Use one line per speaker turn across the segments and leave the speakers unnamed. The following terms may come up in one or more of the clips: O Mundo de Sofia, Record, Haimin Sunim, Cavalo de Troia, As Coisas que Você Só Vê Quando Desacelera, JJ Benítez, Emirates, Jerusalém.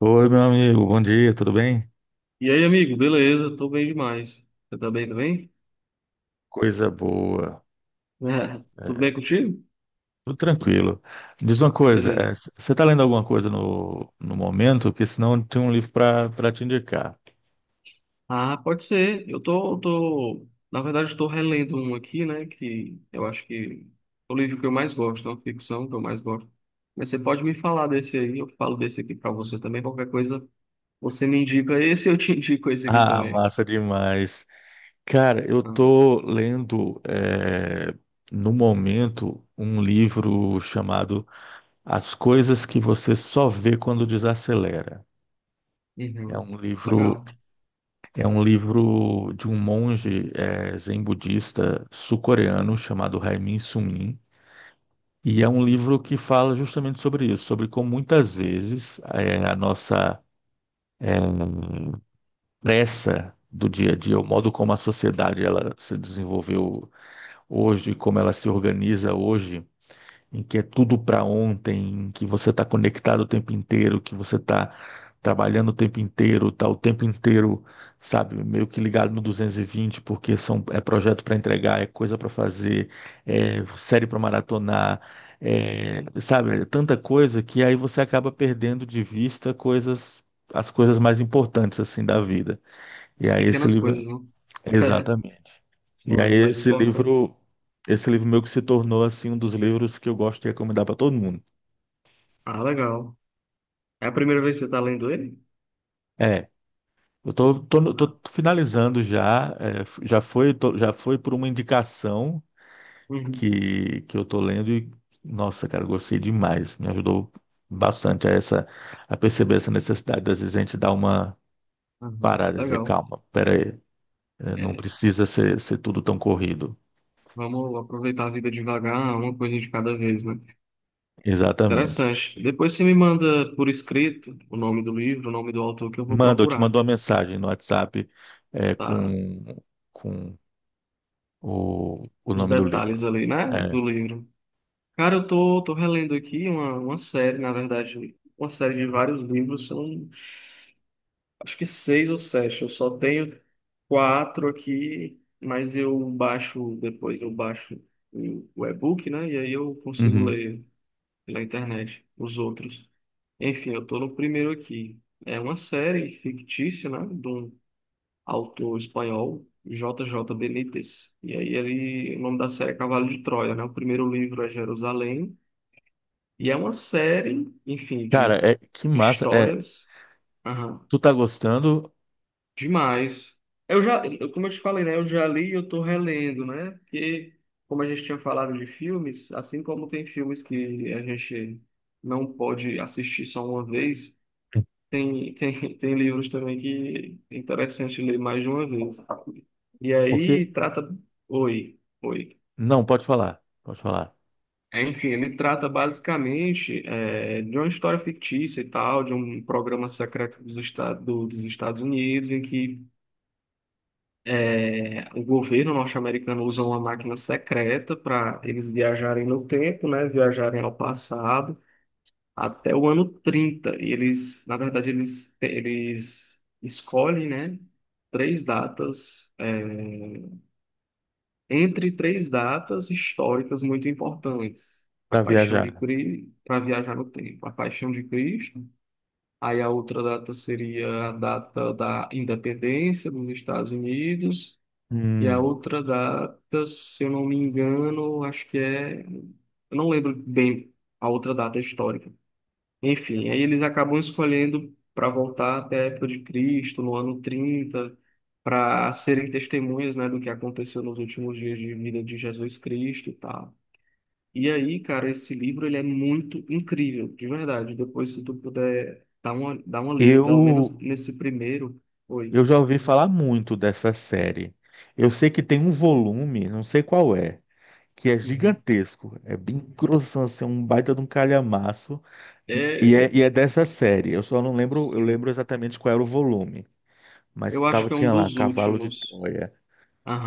Oi, meu amigo, bom dia, tudo bem?
E aí, amigo, beleza? Tô bem demais. Você tá bem também?
Coisa boa,
É, tudo bem contigo?
tudo tranquilo. Diz uma coisa,
Beleza.
você está lendo alguma coisa no momento? Porque senão tem um livro para te indicar.
Ah, pode ser. Na verdade, estou relendo um aqui, né? Que eu acho que é o livro que eu mais gosto, é uma ficção que eu mais gosto. Mas você pode me falar desse aí, eu falo desse aqui pra você também. Qualquer coisa, você me indica esse, eu te indico esse aqui
Ah,
também.
massa demais. Cara, eu
Ah,
tô lendo no momento um livro chamado As Coisas que Você Só Vê Quando Desacelera. É
uhum.
um livro
Legal.
É um livro de um monge zen budista sul-coreano chamado Haimin Sunim. E é um
Uhum.
livro que fala justamente sobre isso, sobre como muitas vezes a nossa eh, pressa do dia a dia, o modo como a sociedade ela se desenvolveu hoje, como ela se organiza hoje, em que é tudo para ontem, em que você está conectado o tempo inteiro, que você está trabalhando o tempo inteiro, está o tempo inteiro, sabe, meio que ligado no 220, porque são, é projeto para entregar, é coisa para fazer, é série para maratonar, é, sabe, é tanta coisa que aí você acaba perdendo de vista coisas. As coisas mais importantes assim da vida. E
As
aí esse
pequenas coisas,
livro.
né?
Exatamente. E
São
aí
as mais importantes.
esse livro meu que se tornou assim um dos livros que eu gosto de recomendar para todo mundo.
Ah, legal. É a primeira vez que você está lendo ele?
É, eu tô, tô, no- tô finalizando já, é, já foi, já foi por uma indicação
Uhum,
que eu tô lendo e, nossa, cara, eu gostei demais. Me ajudou bastante a essa, a perceber essa necessidade, às vezes a gente dar uma
uhum,
parada e dizer,
legal.
calma, peraí, é, não
É,
precisa ser, ser tudo tão corrido.
vamos aproveitar a vida devagar, uma coisa de cada vez, né?
Exatamente.
Interessante. Depois você me manda por escrito o nome do livro, o nome do autor que eu vou
Manda, eu te
procurar,
mando uma mensagem no WhatsApp é,
tá?
com o
Os
nome do
detalhes
livro.
ali, né? Do
É.
livro. Cara, eu tô relendo aqui uma série, na verdade, uma série de vários livros, são acho que seis ou sete. Eu só tenho quatro aqui, mas eu baixo o e-book, né? E aí eu consigo
Uhum.
ler pela internet, os outros. Enfim, eu tô no primeiro aqui. É uma série fictícia, né, de um autor espanhol, JJ Benítez. E aí ele, o nome da série é Cavalo de Troia, né? O primeiro livro é Jerusalém. E é uma série, enfim,
Cara,
de
é, que massa. É,
histórias. Aham,
tu tá gostando?
demais. Como eu te falei, né? Eu já li e eu tô relendo, né? Porque, como a gente tinha falado de filmes, assim como tem filmes que a gente não pode assistir só uma vez, tem livros também que é interessante ler mais de uma vez. E
Porque.
aí trata. Oi, oi.
Não, pode falar. Pode falar.
Enfim, ele trata basicamente de uma história fictícia e tal, de um programa secreto dos Estados Unidos, em que o governo norte-americano usa uma máquina secreta para eles viajarem no tempo, né, viajarem ao passado até o ano 30. E eles, na verdade, eles escolhem, né, três datas, entre três datas históricas muito importantes. A
Pra
Paixão de
viajar.
Cristo, para viajar no tempo. A Paixão de Cristo. Aí a outra data seria a data da independência dos Estados Unidos. E a
Hum.
outra data, se eu não me engano, acho que é. Eu não lembro bem a outra data histórica. Enfim, aí eles acabam escolhendo para voltar até a época de Cristo, no ano 30 para serem testemunhas, né, do que aconteceu nos últimos dias de vida de Jesus Cristo e tal. E aí, cara, esse livro ele é muito incrível, de verdade. Depois, se tu puder dar uma lida, pelo menos
Eu,
nesse primeiro.
eu
Oi.
já ouvi falar muito dessa série. Eu sei que tem um volume, não sei qual é, que é
Uhum.
gigantesco. É bem grossão, assim, um baita de um calhamaço.
É, é-
E é dessa série. Eu só não lembro, eu lembro
sim.
exatamente qual era o volume, mas
Eu acho
tava,
que é um
tinha lá
dos
Cavalo de
últimos.
Troia.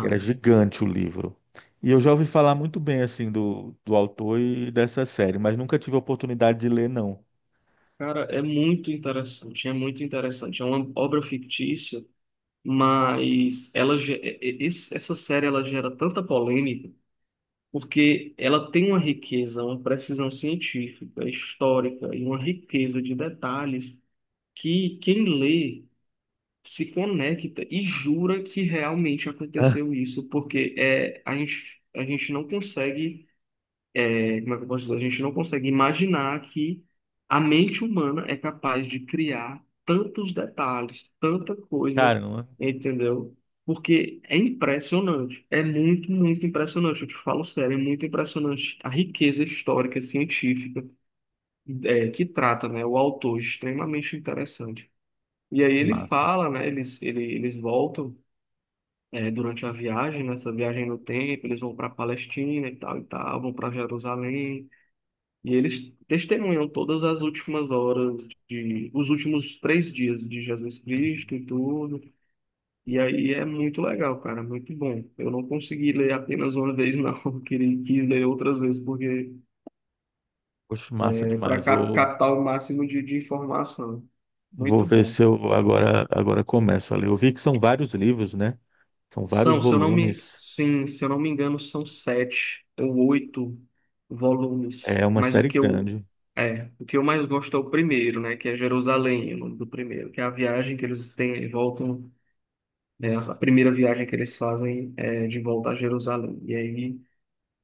Era gigante o livro. E eu já ouvi falar muito bem assim do autor e dessa série, mas nunca tive a oportunidade de ler, não.
Cara, é muito interessante, é muito interessante. É uma obra fictícia mas essa série ela gera tanta polêmica porque ela tem uma riqueza, uma precisão científica, histórica e uma riqueza de detalhes que quem lê se conecta e jura que realmente aconteceu isso, a gente não consegue. Como é que eu posso dizer? A gente não consegue imaginar que a mente humana é capaz de criar tantos detalhes, tanta coisa,
Caramba,
entendeu? Porque é impressionante, é muito, muito impressionante. Eu te falo sério, é muito impressionante a riqueza histórica, científica, que trata, né, o autor, extremamente interessante. E aí ele
massa.
fala, né, eles voltam. Durante a viagem, nessa viagem no tempo, eles vão para a Palestina e tal, vão para Jerusalém, e eles testemunham todas as últimas horas os últimos 3 dias de Jesus Cristo
Uhum.
e tudo. E aí é muito legal, cara, muito bom. Eu não consegui ler apenas uma vez, não. Quis ler outras vezes porque
Poxa, massa
é para
demais. Vou,
captar o máximo de informação.
vou
Muito
ver
bom.
se eu agora, agora começo a ler. Eu vi que são vários livros, né? São vários
São, se eu não me,
volumes.
sim, se eu não me engano, são sete ou oito volumes.
É uma
Mas o
série
que eu,
grande.
é, o que eu mais gosto é o primeiro, né? Que é Jerusalém, o nome do primeiro, que é a viagem que eles têm, voltam, né, a primeira viagem que eles fazem é de volta a Jerusalém. E aí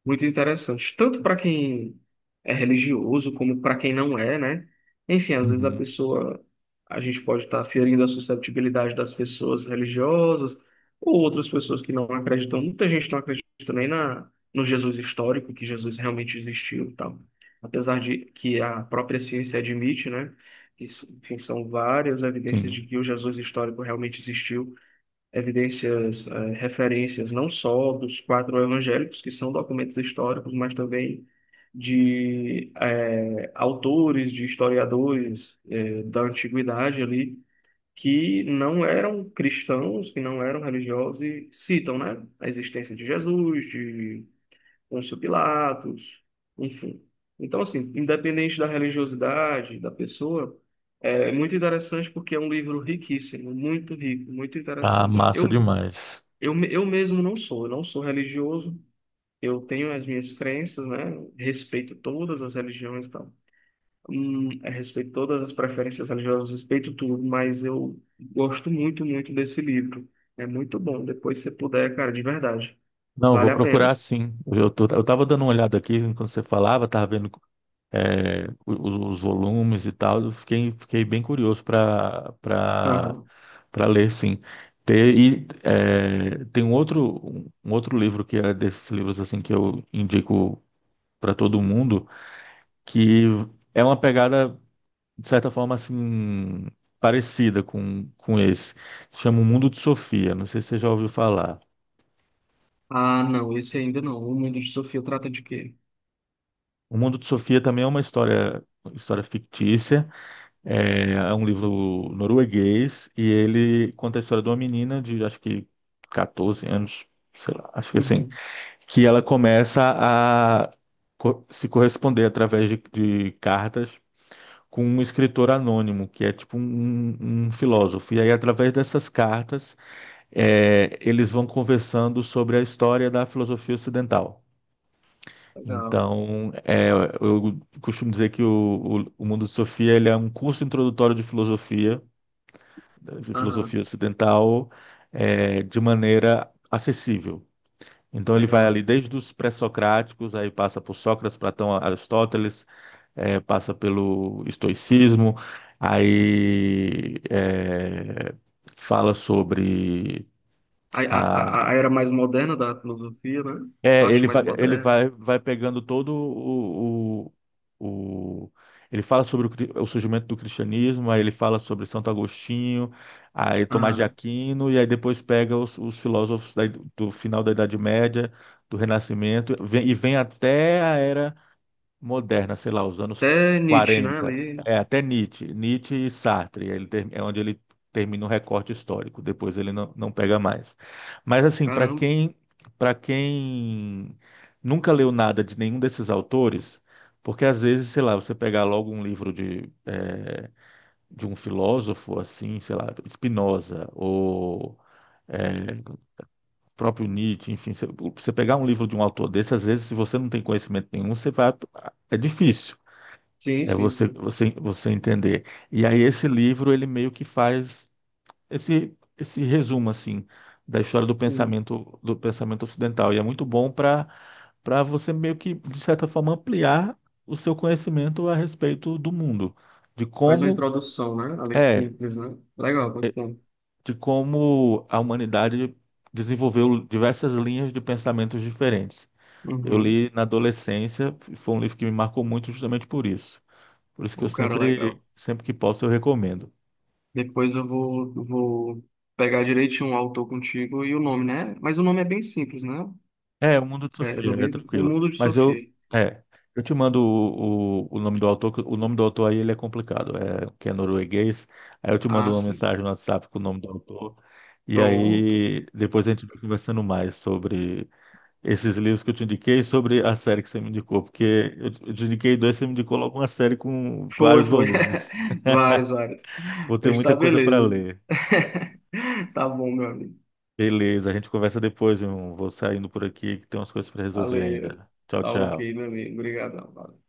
muito interessante. Tanto para quem é religioso, como para quem não é, né? Enfim, às vezes a
Uhum.
pessoa, a gente pode estar ferindo a susceptibilidade das pessoas religiosas ou outras pessoas que não acreditam. Muita gente não acredita nem no Jesus histórico, que Jesus realmente existiu e tal. Apesar de que a própria ciência admite, né? Isso, enfim, são várias evidências
Sim.
de que o Jesus histórico realmente existiu, evidências, referências não só dos quatro evangélicos, que são documentos históricos, mas também de autores, de historiadores da antiguidade ali, que não eram cristãos, que não eram religiosos e citam, né, a existência de Jesus, de Pôncio Pilatos, enfim. Então, assim, independente da religiosidade da pessoa, é muito interessante porque é um livro riquíssimo, muito rico, muito
Ah,
interessante.
massa demais.
Eu mesmo não sou religioso, eu tenho as minhas crenças, né? Respeito todas as religiões e tal. Respeito todas as preferências religiosas, respeito tudo, mas eu gosto muito, muito desse livro. É muito bom, depois se você puder, cara, de verdade.
Não, vou
Vale a
procurar
pena.
sim. Eu tô, eu tava dando uma olhada aqui quando você falava, tava vendo é, os volumes e tal. Eu fiquei, fiquei bem curioso para
Aham.
para ler, sim. Tem, e é, tem um outro livro que é desses livros assim que eu indico para todo mundo, que é uma pegada de certa forma assim parecida com esse. Chama O Mundo de Sofia. Não sei se você já ouviu falar.
Ah, não, esse ainda não. O Mundo de Sofia trata de quê?
O Mundo de Sofia também é uma história, história fictícia. É, é um livro norueguês e ele conta a história de uma menina de acho que 14 anos, sei lá, acho que assim,
Uhum.
que ela começa a se corresponder através de cartas com um escritor anônimo, que é tipo um um filósofo. E aí, através dessas cartas, é, eles vão conversando sobre a história da filosofia ocidental.
Legal.
Então, é, eu costumo dizer que o Mundo de Sofia ele é um curso introdutório de filosofia
Aham,
ocidental, é, de maneira acessível. Então, ele vai
legal.
ali desde os pré-socráticos, aí passa por Sócrates, Platão, Aristóteles, é, passa pelo estoicismo, aí é, fala sobre.
A, a, a era mais moderna da filosofia, né?
É,
Parte mais
ele
moderna.
vai, vai pegando todo o, o- ele fala sobre o, o surgimento do cristianismo, aí ele fala sobre Santo Agostinho, aí Tomás de
Aham.
Aquino, e aí depois pega os filósofos da do final da Idade Média, do Renascimento, e vem até a era moderna, sei lá, os anos
Até Nietzsche, né?
40,
Ali.
é até Nietzsche, Nietzsche e Sartre, é onde ele termina o recorte histórico, depois ele não, não pega mais. Mas assim,
Caramba.
para quem nunca leu nada de nenhum desses autores, porque às vezes, sei lá, você pegar logo um livro de de um filósofo assim, sei lá, Spinoza ou eh, próprio Nietzsche, enfim, você você pegar um livro de um autor desse, às vezes, se você não tem conhecimento nenhum, você vai, é difícil.
Sim,
É
sim, sim.
você entender. E aí esse livro, ele meio que faz esse resumo, assim, da história
Sim.
do pensamento ocidental. E é muito bom para você meio que, de certa forma, ampliar o seu conhecimento a respeito do mundo, de
Faz uma
como
introdução, né? Ali
é,
simples, né? Legal, muito bom.
de como a humanidade desenvolveu diversas linhas de pensamentos diferentes. Eu
Uhum.
li na adolescência, foi um livro que me marcou muito justamente por isso. Por isso que eu
O cara, legal.
sempre que posso, eu recomendo.
Depois eu vou pegar direitinho o autor contigo e o nome, né? Mas o nome é bem simples, né?
É, o Mundo de
É, do
Sofia, é
livro. O
tranquilo.
Mundo de
Mas eu,
Sofia.
é, eu te mando o nome do autor, que o nome do autor aí ele é complicado, é, que é norueguês. Aí eu te mando
Ah,
uma
sim.
mensagem no WhatsApp com o nome do autor. E
Pronto.
aí depois a gente vai conversando mais sobre esses livros que eu te indiquei, e sobre a série que você me indicou, porque eu te indiquei dois, você me indicou logo uma série com
Foi,
vários
foi.
volumes.
Vários, vários.
Vou ter
Hoje
muita
tá
coisa para
beleza.
ler.
Tá bom, meu amigo.
Beleza, a gente conversa depois, irmão. Vou saindo por aqui que tem umas coisas para resolver
Valeu.
ainda. Tchau,
Tá ok,
tchau.
meu amigo. Obrigadão. Valeu.